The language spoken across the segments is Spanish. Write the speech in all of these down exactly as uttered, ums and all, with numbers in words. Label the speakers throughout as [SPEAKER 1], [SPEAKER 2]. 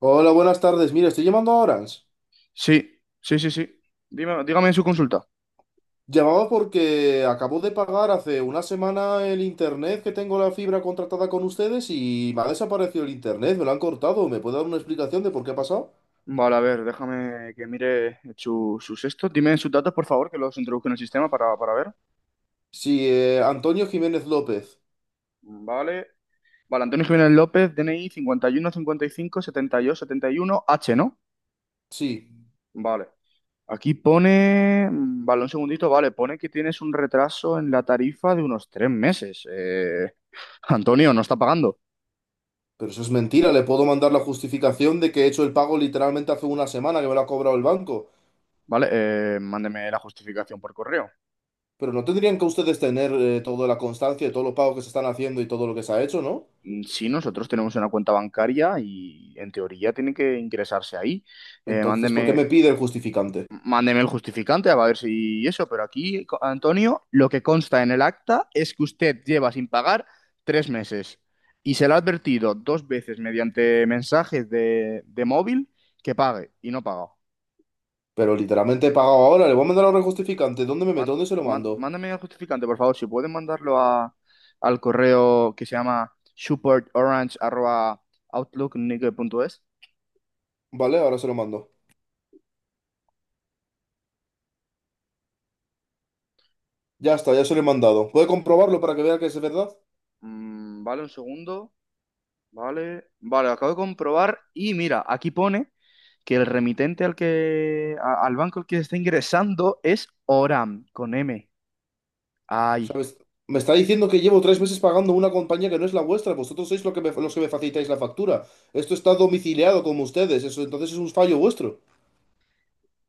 [SPEAKER 1] Hola, buenas tardes. Mira, estoy llamando a Orange.
[SPEAKER 2] Sí, sí, sí, sí. Dime- dígame su consulta.
[SPEAKER 1] Llamaba porque acabo de pagar hace una semana el internet que tengo la fibra contratada con ustedes y me ha desaparecido el internet, me lo han cortado. ¿Me puede dar una explicación de por qué ha pasado?
[SPEAKER 2] Vale, a ver, déjame que mire su- sus esto. Dime sus datos, por favor, que los introduzco en el sistema para, para ver.
[SPEAKER 1] Sí, eh, Antonio Jiménez López.
[SPEAKER 2] Vale. Vale, Antonio Jiménez López, D N I 51 setenta y dos setenta y uno H, ¿no?
[SPEAKER 1] Sí,
[SPEAKER 2] Vale. Aquí pone, mm, vale, un segundito, vale, pone que tienes un retraso en la tarifa de unos tres meses. Eh, Antonio, no está pagando.
[SPEAKER 1] pero eso es mentira. Le puedo mandar la justificación de que he hecho el pago literalmente hace una semana que me lo ha cobrado el banco.
[SPEAKER 2] Vale, eh, mándeme la justificación por correo.
[SPEAKER 1] Pero no tendrían que ustedes tener eh, toda la constancia de todos los pagos que se están haciendo y todo lo que se ha hecho, ¿no?
[SPEAKER 2] Mm, Sí, nosotros tenemos una cuenta bancaria y en teoría tiene que ingresarse ahí. Eh,
[SPEAKER 1] Entonces, ¿por qué me
[SPEAKER 2] mándeme,
[SPEAKER 1] pide el justificante?
[SPEAKER 2] mándeme el justificante a ver si eso, pero aquí, co- Antonio, lo que consta en el acta es que usted lleva sin pagar tres meses y se le ha advertido dos veces mediante mensajes de, de móvil que pague y no paga.
[SPEAKER 1] Pero literalmente he pagado ahora, le voy a mandar ahora el justificante. ¿Dónde me
[SPEAKER 2] Man-
[SPEAKER 1] meto? ¿Dónde se lo
[SPEAKER 2] man-
[SPEAKER 1] mando?
[SPEAKER 2] Mándame el justificante, por favor, si pueden mandarlo a- al correo que se llama supportorange.outlook.es.
[SPEAKER 1] Vale, ahora se lo mando. Ya está, ya se lo he mandado. ¿Puede comprobarlo para que vea que es verdad?
[SPEAKER 2] Mm, vale, un segundo. Vale. Vale, acabo de comprobar. Y mira, aquí pone que el remitente al que, a- al banco al que está ingresando es Oram, con M. Ay.
[SPEAKER 1] ¿Sabes? Me está diciendo que llevo tres meses pagando una compañía que no es la vuestra. Vosotros sois lo que me- los que me facilitáis la factura. Esto está domiciliado como ustedes. Eso entonces es un fallo vuestro.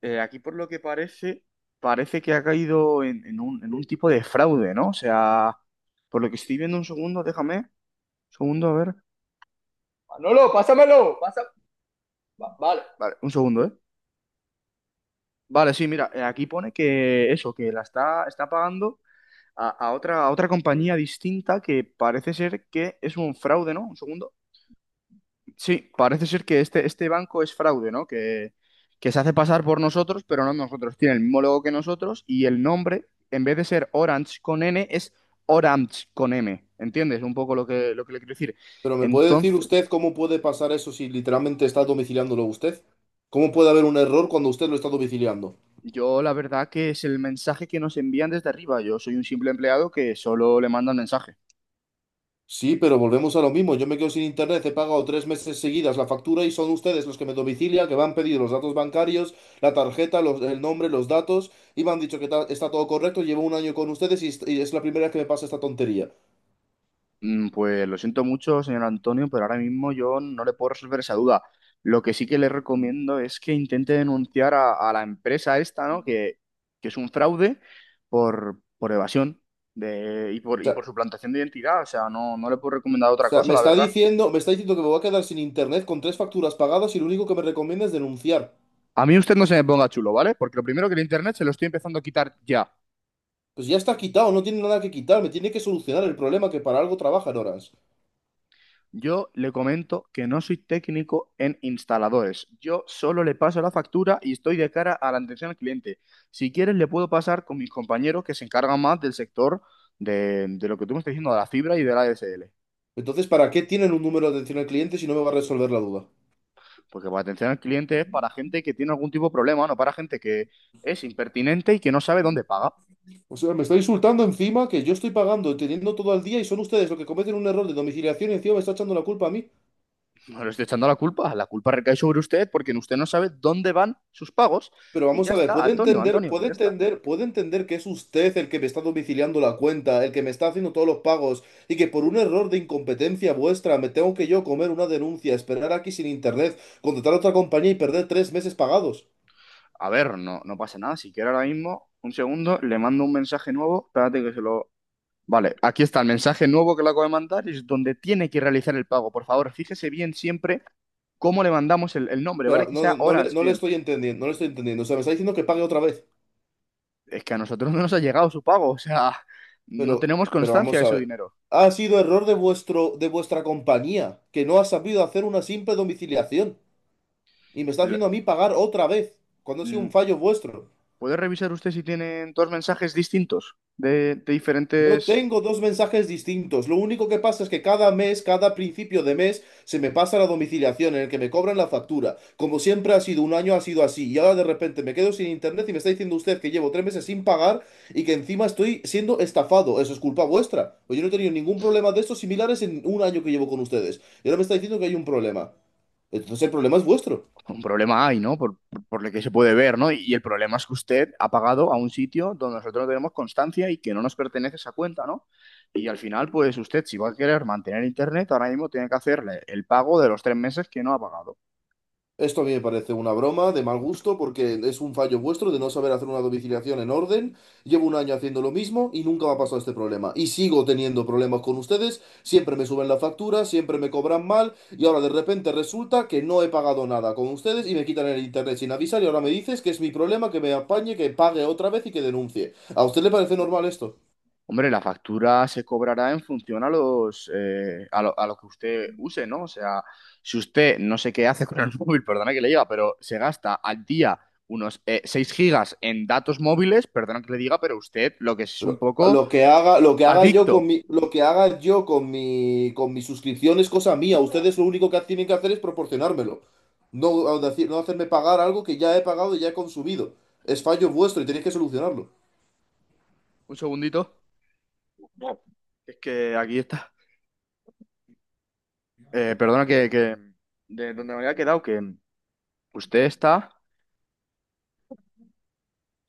[SPEAKER 2] Eh, aquí por lo que parece, parece que ha caído en, en un, en un tipo de fraude, ¿no? O sea, por lo que estoy viendo un segundo, déjame. Un segundo, a ver. Manolo, pásamelo, pasa. va- Vale. Vale, un segundo, ¿eh? Vale, sí, mira, eh, aquí pone que eso, que la está, está pagando a, a otra, a otra compañía distinta que parece ser que es un fraude, ¿no? Un segundo. Sí, parece ser que este, este banco es fraude, ¿no? Que, que se hace pasar por nosotros, pero no nosotros. Tiene el mismo logo que nosotros y el nombre, en vez de ser Orange con N, es Orange con M. ¿Entiendes? Un poco lo que, lo que le quiero decir.
[SPEAKER 1] Pero ¿me puede decir
[SPEAKER 2] Entonces,
[SPEAKER 1] usted cómo puede pasar eso si literalmente está domiciliándolo usted? ¿Cómo puede haber un error cuando usted lo está domiciliando?
[SPEAKER 2] yo la verdad que es el mensaje que nos envían desde arriba. Yo soy un simple empleado que solo le mandan mensajes.
[SPEAKER 1] Sí, pero volvemos a lo mismo. Yo me quedo sin internet, he pagado tres meses seguidas la factura y son ustedes los que me domicilian, que me han pedido los datos bancarios, la tarjeta, los- el nombre, los datos y me han dicho que ta- está todo correcto. Llevo un año con ustedes y, est- y es la primera vez que me pasa esta tontería. O
[SPEAKER 2] Mm, Pues lo siento mucho, señor Antonio, pero ahora mismo yo no le puedo resolver esa duda. Lo que sí que le recomiendo es que intente denunciar a, a la empresa esta, ¿no? Que, que es un fraude por, por evasión de, y por, y
[SPEAKER 1] sea,
[SPEAKER 2] por suplantación de identidad. O sea, no, no le puedo recomendar
[SPEAKER 1] o
[SPEAKER 2] otra
[SPEAKER 1] sea,
[SPEAKER 2] cosa,
[SPEAKER 1] me
[SPEAKER 2] la
[SPEAKER 1] está
[SPEAKER 2] verdad.
[SPEAKER 1] diciendo, me está diciendo que me voy a quedar sin internet con tres facturas pagadas y lo único que me recomienda es denunciar.
[SPEAKER 2] A mí usted no se me ponga chulo, ¿vale? Porque lo primero que el internet se lo estoy empezando a quitar ya.
[SPEAKER 1] Pues ya está quitado, no tiene nada que quitar, me tiene que solucionar el problema que para algo trabajan horas.
[SPEAKER 2] Yo le comento que no soy técnico en instaladores. Yo solo le paso la factura y estoy de cara a la atención al cliente. Si quieres, le puedo pasar con mis compañeros que se encargan más del sector de, de lo que tú me estás diciendo, de la fibra y de la A D S L.
[SPEAKER 1] Entonces, ¿para qué tienen un número de atención al cliente si no me va a resolver la duda?
[SPEAKER 2] Porque la atención al cliente es para gente que tiene algún tipo de problema, no para gente que es impertinente y que no sabe dónde paga.
[SPEAKER 1] O sea, me está insultando encima que yo estoy pagando, teniendo todo al día y son ustedes los que cometen un error de domiciliación y encima me está echando la culpa a mí.
[SPEAKER 2] No le estoy echando la culpa. La culpa recae sobre usted porque usted no sabe dónde van sus pagos.
[SPEAKER 1] Pero
[SPEAKER 2] Y
[SPEAKER 1] vamos
[SPEAKER 2] ya
[SPEAKER 1] a ver,
[SPEAKER 2] está,
[SPEAKER 1] puede
[SPEAKER 2] Antonio,
[SPEAKER 1] entender,
[SPEAKER 2] Antonio,
[SPEAKER 1] puede
[SPEAKER 2] ya está.
[SPEAKER 1] entender, puede entender que es usted el que me está domiciliando la cuenta, el que me está haciendo todos los pagos y que por un error de incompetencia vuestra me tengo que yo comer una denuncia, esperar aquí sin internet, contratar a otra compañía y perder tres meses pagados.
[SPEAKER 2] A ver, no, no pasa nada. Si quiere ahora mismo, un segundo, le mando un mensaje nuevo. Espérate que se lo... Vale, aquí está el mensaje nuevo que le acabo de mandar. Es donde tiene que realizar el pago. Por favor, fíjese bien siempre cómo le mandamos el, el nombre,
[SPEAKER 1] Pero
[SPEAKER 2] ¿vale? Que
[SPEAKER 1] no,
[SPEAKER 2] sea
[SPEAKER 1] no, no le,
[SPEAKER 2] Orange,
[SPEAKER 1] no le
[SPEAKER 2] bien.
[SPEAKER 1] estoy entendiendo, no le estoy entendiendo. O sea, me está diciendo que pague otra vez.
[SPEAKER 2] Es que a nosotros no nos ha llegado su pago. O sea, no
[SPEAKER 1] Pero,
[SPEAKER 2] tenemos
[SPEAKER 1] pero
[SPEAKER 2] constancia
[SPEAKER 1] vamos
[SPEAKER 2] de
[SPEAKER 1] a
[SPEAKER 2] su
[SPEAKER 1] ver.
[SPEAKER 2] dinero.
[SPEAKER 1] Ha sido error de vuestro, de vuestra compañía, que no ha sabido hacer una simple domiciliación. Y me está
[SPEAKER 2] El-
[SPEAKER 1] haciendo a mí pagar otra vez, cuando ha sido
[SPEAKER 2] mm,
[SPEAKER 1] un fallo vuestro.
[SPEAKER 2] ¿Puede revisar usted si tienen dos mensajes distintos de, de
[SPEAKER 1] No
[SPEAKER 2] diferentes...
[SPEAKER 1] tengo dos mensajes distintos. Lo único que pasa es que cada mes, cada principio de mes, se me pasa la domiciliación en el que me cobran la factura. Como siempre ha sido, un año ha sido así. Y ahora de repente me quedo sin internet y me está diciendo usted que llevo tres meses sin pagar y que encima estoy siendo estafado. Eso es culpa vuestra. Pues yo no he tenido ningún problema de estos similares en un año que llevo con ustedes. Y ahora me está diciendo que hay un problema. Entonces el problema es vuestro.
[SPEAKER 2] Un problema hay, ¿no? Por, por- por lo que se puede ver, ¿no? Y, y el problema es que usted ha pagado a un sitio donde nosotros no tenemos constancia y que no nos pertenece esa cuenta, ¿no? Y al final, pues usted, si va a querer mantener internet, ahora mismo tiene que hacerle el pago de los tres meses que no ha pagado.
[SPEAKER 1] Esto a mí me parece una broma de mal gusto porque es un fallo vuestro de no saber hacer una domiciliación en orden. Llevo un año haciendo lo mismo y nunca me ha pasado este problema. Y sigo teniendo problemas con ustedes. Siempre me suben la factura, siempre me cobran mal y ahora de repente resulta que no he pagado nada con ustedes y me quitan el internet sin avisar y ahora me dices que es mi problema, que me apañe, que pague otra vez y que denuncie. ¿A usted le parece normal esto?
[SPEAKER 2] Hombre, la factura se cobrará en función a los, eh, a lo, a lo que usted use, ¿no? O sea, si usted no sé qué hace con el móvil, perdona que le diga, pero se gasta al día unos eh, 6 gigas en datos móviles, perdona que le diga, pero usted lo que es un
[SPEAKER 1] Pero
[SPEAKER 2] poco
[SPEAKER 1] lo que haga, lo que haga yo con
[SPEAKER 2] adicto.
[SPEAKER 1] mi, lo que haga yo con mi, con mi suscripción es cosa mía. Ustedes lo único que tienen que hacer es proporcionármelo. No, a decir- no hacerme pagar algo que ya he pagado y ya he consumido. Es fallo vuestro y tenéis que solucionarlo.
[SPEAKER 2] Un segundito. Es que aquí está. Eh, perdona. que, que- De donde me había quedado, que usted está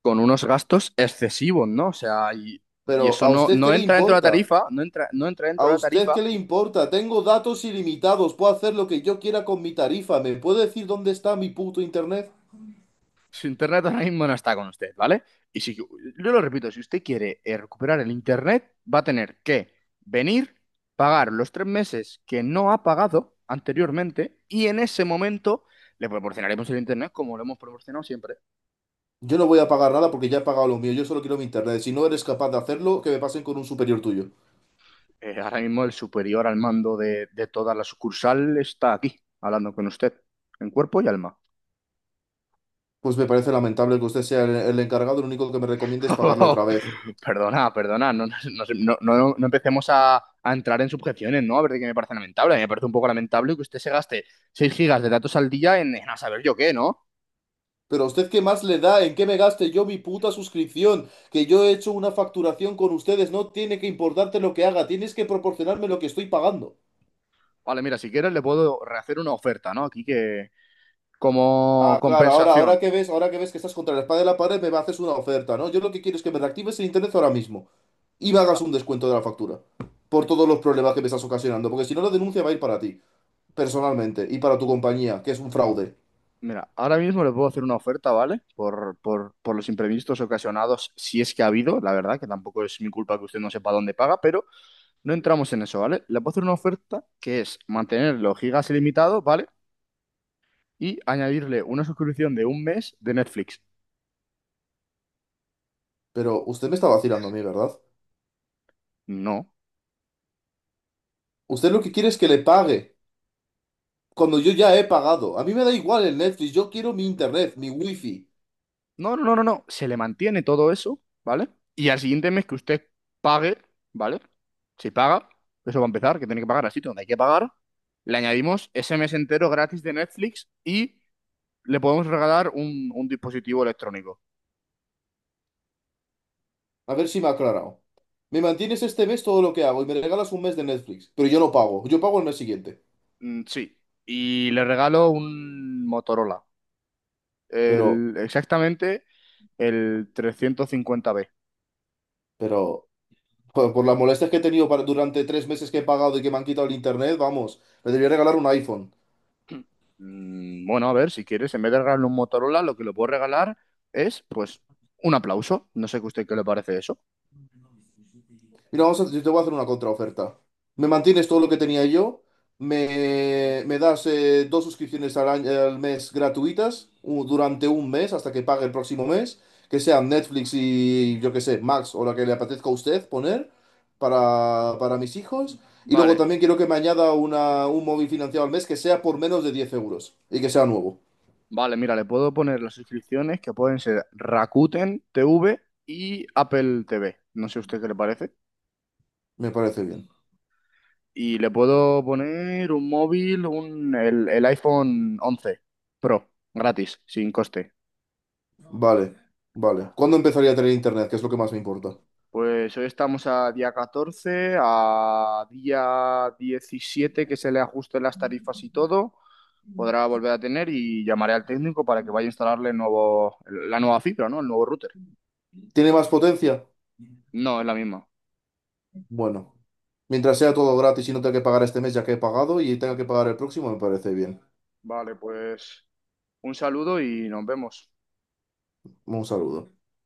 [SPEAKER 2] con unos gastos excesivos, ¿no? O sea, y, y
[SPEAKER 1] Pero
[SPEAKER 2] eso
[SPEAKER 1] ¿a
[SPEAKER 2] no,
[SPEAKER 1] usted
[SPEAKER 2] no
[SPEAKER 1] qué le
[SPEAKER 2] entra dentro de la
[SPEAKER 1] importa?
[SPEAKER 2] tarifa, no entra, no entra
[SPEAKER 1] ¿A
[SPEAKER 2] dentro de la
[SPEAKER 1] usted
[SPEAKER 2] tarifa.
[SPEAKER 1] qué le importa? Tengo datos ilimitados, puedo hacer lo que yo quiera con mi tarifa. ¿Me puede decir dónde está mi puto internet?
[SPEAKER 2] Su internet ahora mismo no está con usted, ¿vale? Y si, yo lo repito, si usted quiere eh, recuperar el internet, va a tener que venir, pagar los tres meses que no ha pagado anteriormente y en ese momento le proporcionaremos el internet como lo hemos proporcionado siempre.
[SPEAKER 1] Yo no voy a pagar nada porque ya he pagado lo mío. Yo solo quiero mi internet. Si no eres capaz de hacerlo, que me pasen con un superior tuyo.
[SPEAKER 2] Eh, ahora mismo el superior al mando de, de toda la sucursal está aquí, hablando con usted, en cuerpo y alma.
[SPEAKER 1] Pues me parece lamentable que usted sea el, el encargado, lo único que me recomienda es pagarle otra vez.
[SPEAKER 2] Perdona, perdona, no, no- no- no- no no empecemos a, a entrar en subjeciones, ¿no? A ver de qué me parece lamentable. A mí me parece un poco lamentable que usted se gaste seis gigas de datos al día en, en a saber yo qué, ¿no?
[SPEAKER 1] Pero a usted qué más le da, en qué me gaste yo mi puta suscripción, que yo he hecho una facturación con ustedes, no tiene que importarte lo que haga, tienes que proporcionarme lo que estoy pagando.
[SPEAKER 2] Vale, mira, si quieres le puedo rehacer una oferta, ¿no? Aquí que como
[SPEAKER 1] Ah, claro, ahora, ahora
[SPEAKER 2] compensación.
[SPEAKER 1] que ves, ahora que ves que estás contra la espada de la pared, me haces una oferta, ¿no? Yo lo que quiero es que me reactives el internet ahora mismo y me hagas
[SPEAKER 2] Ah,
[SPEAKER 1] un descuento de la factura por todos los problemas que me estás ocasionando, porque si no la denuncia va a ir para ti, personalmente, y para tu compañía, que es un fraude.
[SPEAKER 2] mira, ahora mismo le puedo hacer una oferta, ¿vale? Por, por, por los imprevistos ocasionados, si es que ha habido, la verdad, que tampoco es mi culpa que usted no sepa dónde paga, pero no entramos en eso, ¿vale? Le puedo hacer una oferta que es mantenerlo gigas ilimitado, ¿vale? Y añadirle una suscripción de un mes de Netflix.
[SPEAKER 1] Pero usted me está vacilando a mí, ¿verdad?
[SPEAKER 2] No.
[SPEAKER 1] Usted lo que quiere es que le pague, cuando yo ya he pagado. A mí me da igual el Netflix, yo quiero mi internet, mi wifi.
[SPEAKER 2] No, no, no, no, no. Se le mantiene todo eso, ¿vale? Y al siguiente mes que usted pague, ¿vale? Si paga, eso va a empezar, que tiene que pagar así, donde hay que pagar, le añadimos ese mes entero gratis de Netflix y le podemos regalar un, un dispositivo electrónico.
[SPEAKER 1] A ver si me ha aclarado. Me mantienes este mes todo lo que hago y me regalas un mes de Netflix, pero yo no pago, yo pago el mes siguiente.
[SPEAKER 2] Mm, sí. Y le regalo un Motorola.
[SPEAKER 1] Pero,
[SPEAKER 2] El, exactamente el trescientos cincuenta B.
[SPEAKER 1] pero, joder, por las molestias que he tenido para- durante tres meses que he pagado y que me han quitado el internet, vamos, le debería regalar un iPhone.
[SPEAKER 2] Mm, bueno, a ver, si quieres, en vez de regalarle un Motorola, lo que le puedo regalar es, pues, un aplauso. No sé que a usted qué le parece eso.
[SPEAKER 1] Mira, vamos a- yo te voy a hacer una contraoferta. Me mantienes todo lo que tenía yo, me, me das eh, dos suscripciones al, año- al mes gratuitas u- durante un mes hasta que pague el próximo mes, que sean Netflix y yo que sé, Max o la que le apetezca a usted poner para, para mis hijos. Y luego
[SPEAKER 2] Vale,
[SPEAKER 1] también quiero que me añada una, un móvil financiado al mes que sea por menos de diez euros y que sea nuevo.
[SPEAKER 2] vale, mira, le puedo poner las suscripciones que pueden ser Rakuten T V y Apple T V. No sé a usted qué le parece.
[SPEAKER 1] Me parece bien.
[SPEAKER 2] Y le puedo poner un móvil, un, el, el iPhone once Pro, gratis, sin coste.
[SPEAKER 1] Vale, vale. ¿Cuándo empezaría a tener internet? Que es lo que más me importa.
[SPEAKER 2] Pues hoy estamos a día catorce a día diecisiete que se le ajusten las tarifas y todo, podrá volver a tener y llamaré al técnico para que vaya a instalarle el nuevo, la nueva fibra, ¿no? El nuevo router.
[SPEAKER 1] ¿Tiene más potencia?
[SPEAKER 2] No, es la misma.
[SPEAKER 1] Bueno, mientras sea todo gratis y no tenga que pagar este mes ya que he pagado y tenga que pagar el próximo, me parece bien.
[SPEAKER 2] Vale, pues un saludo y nos vemos.
[SPEAKER 1] Un saludo.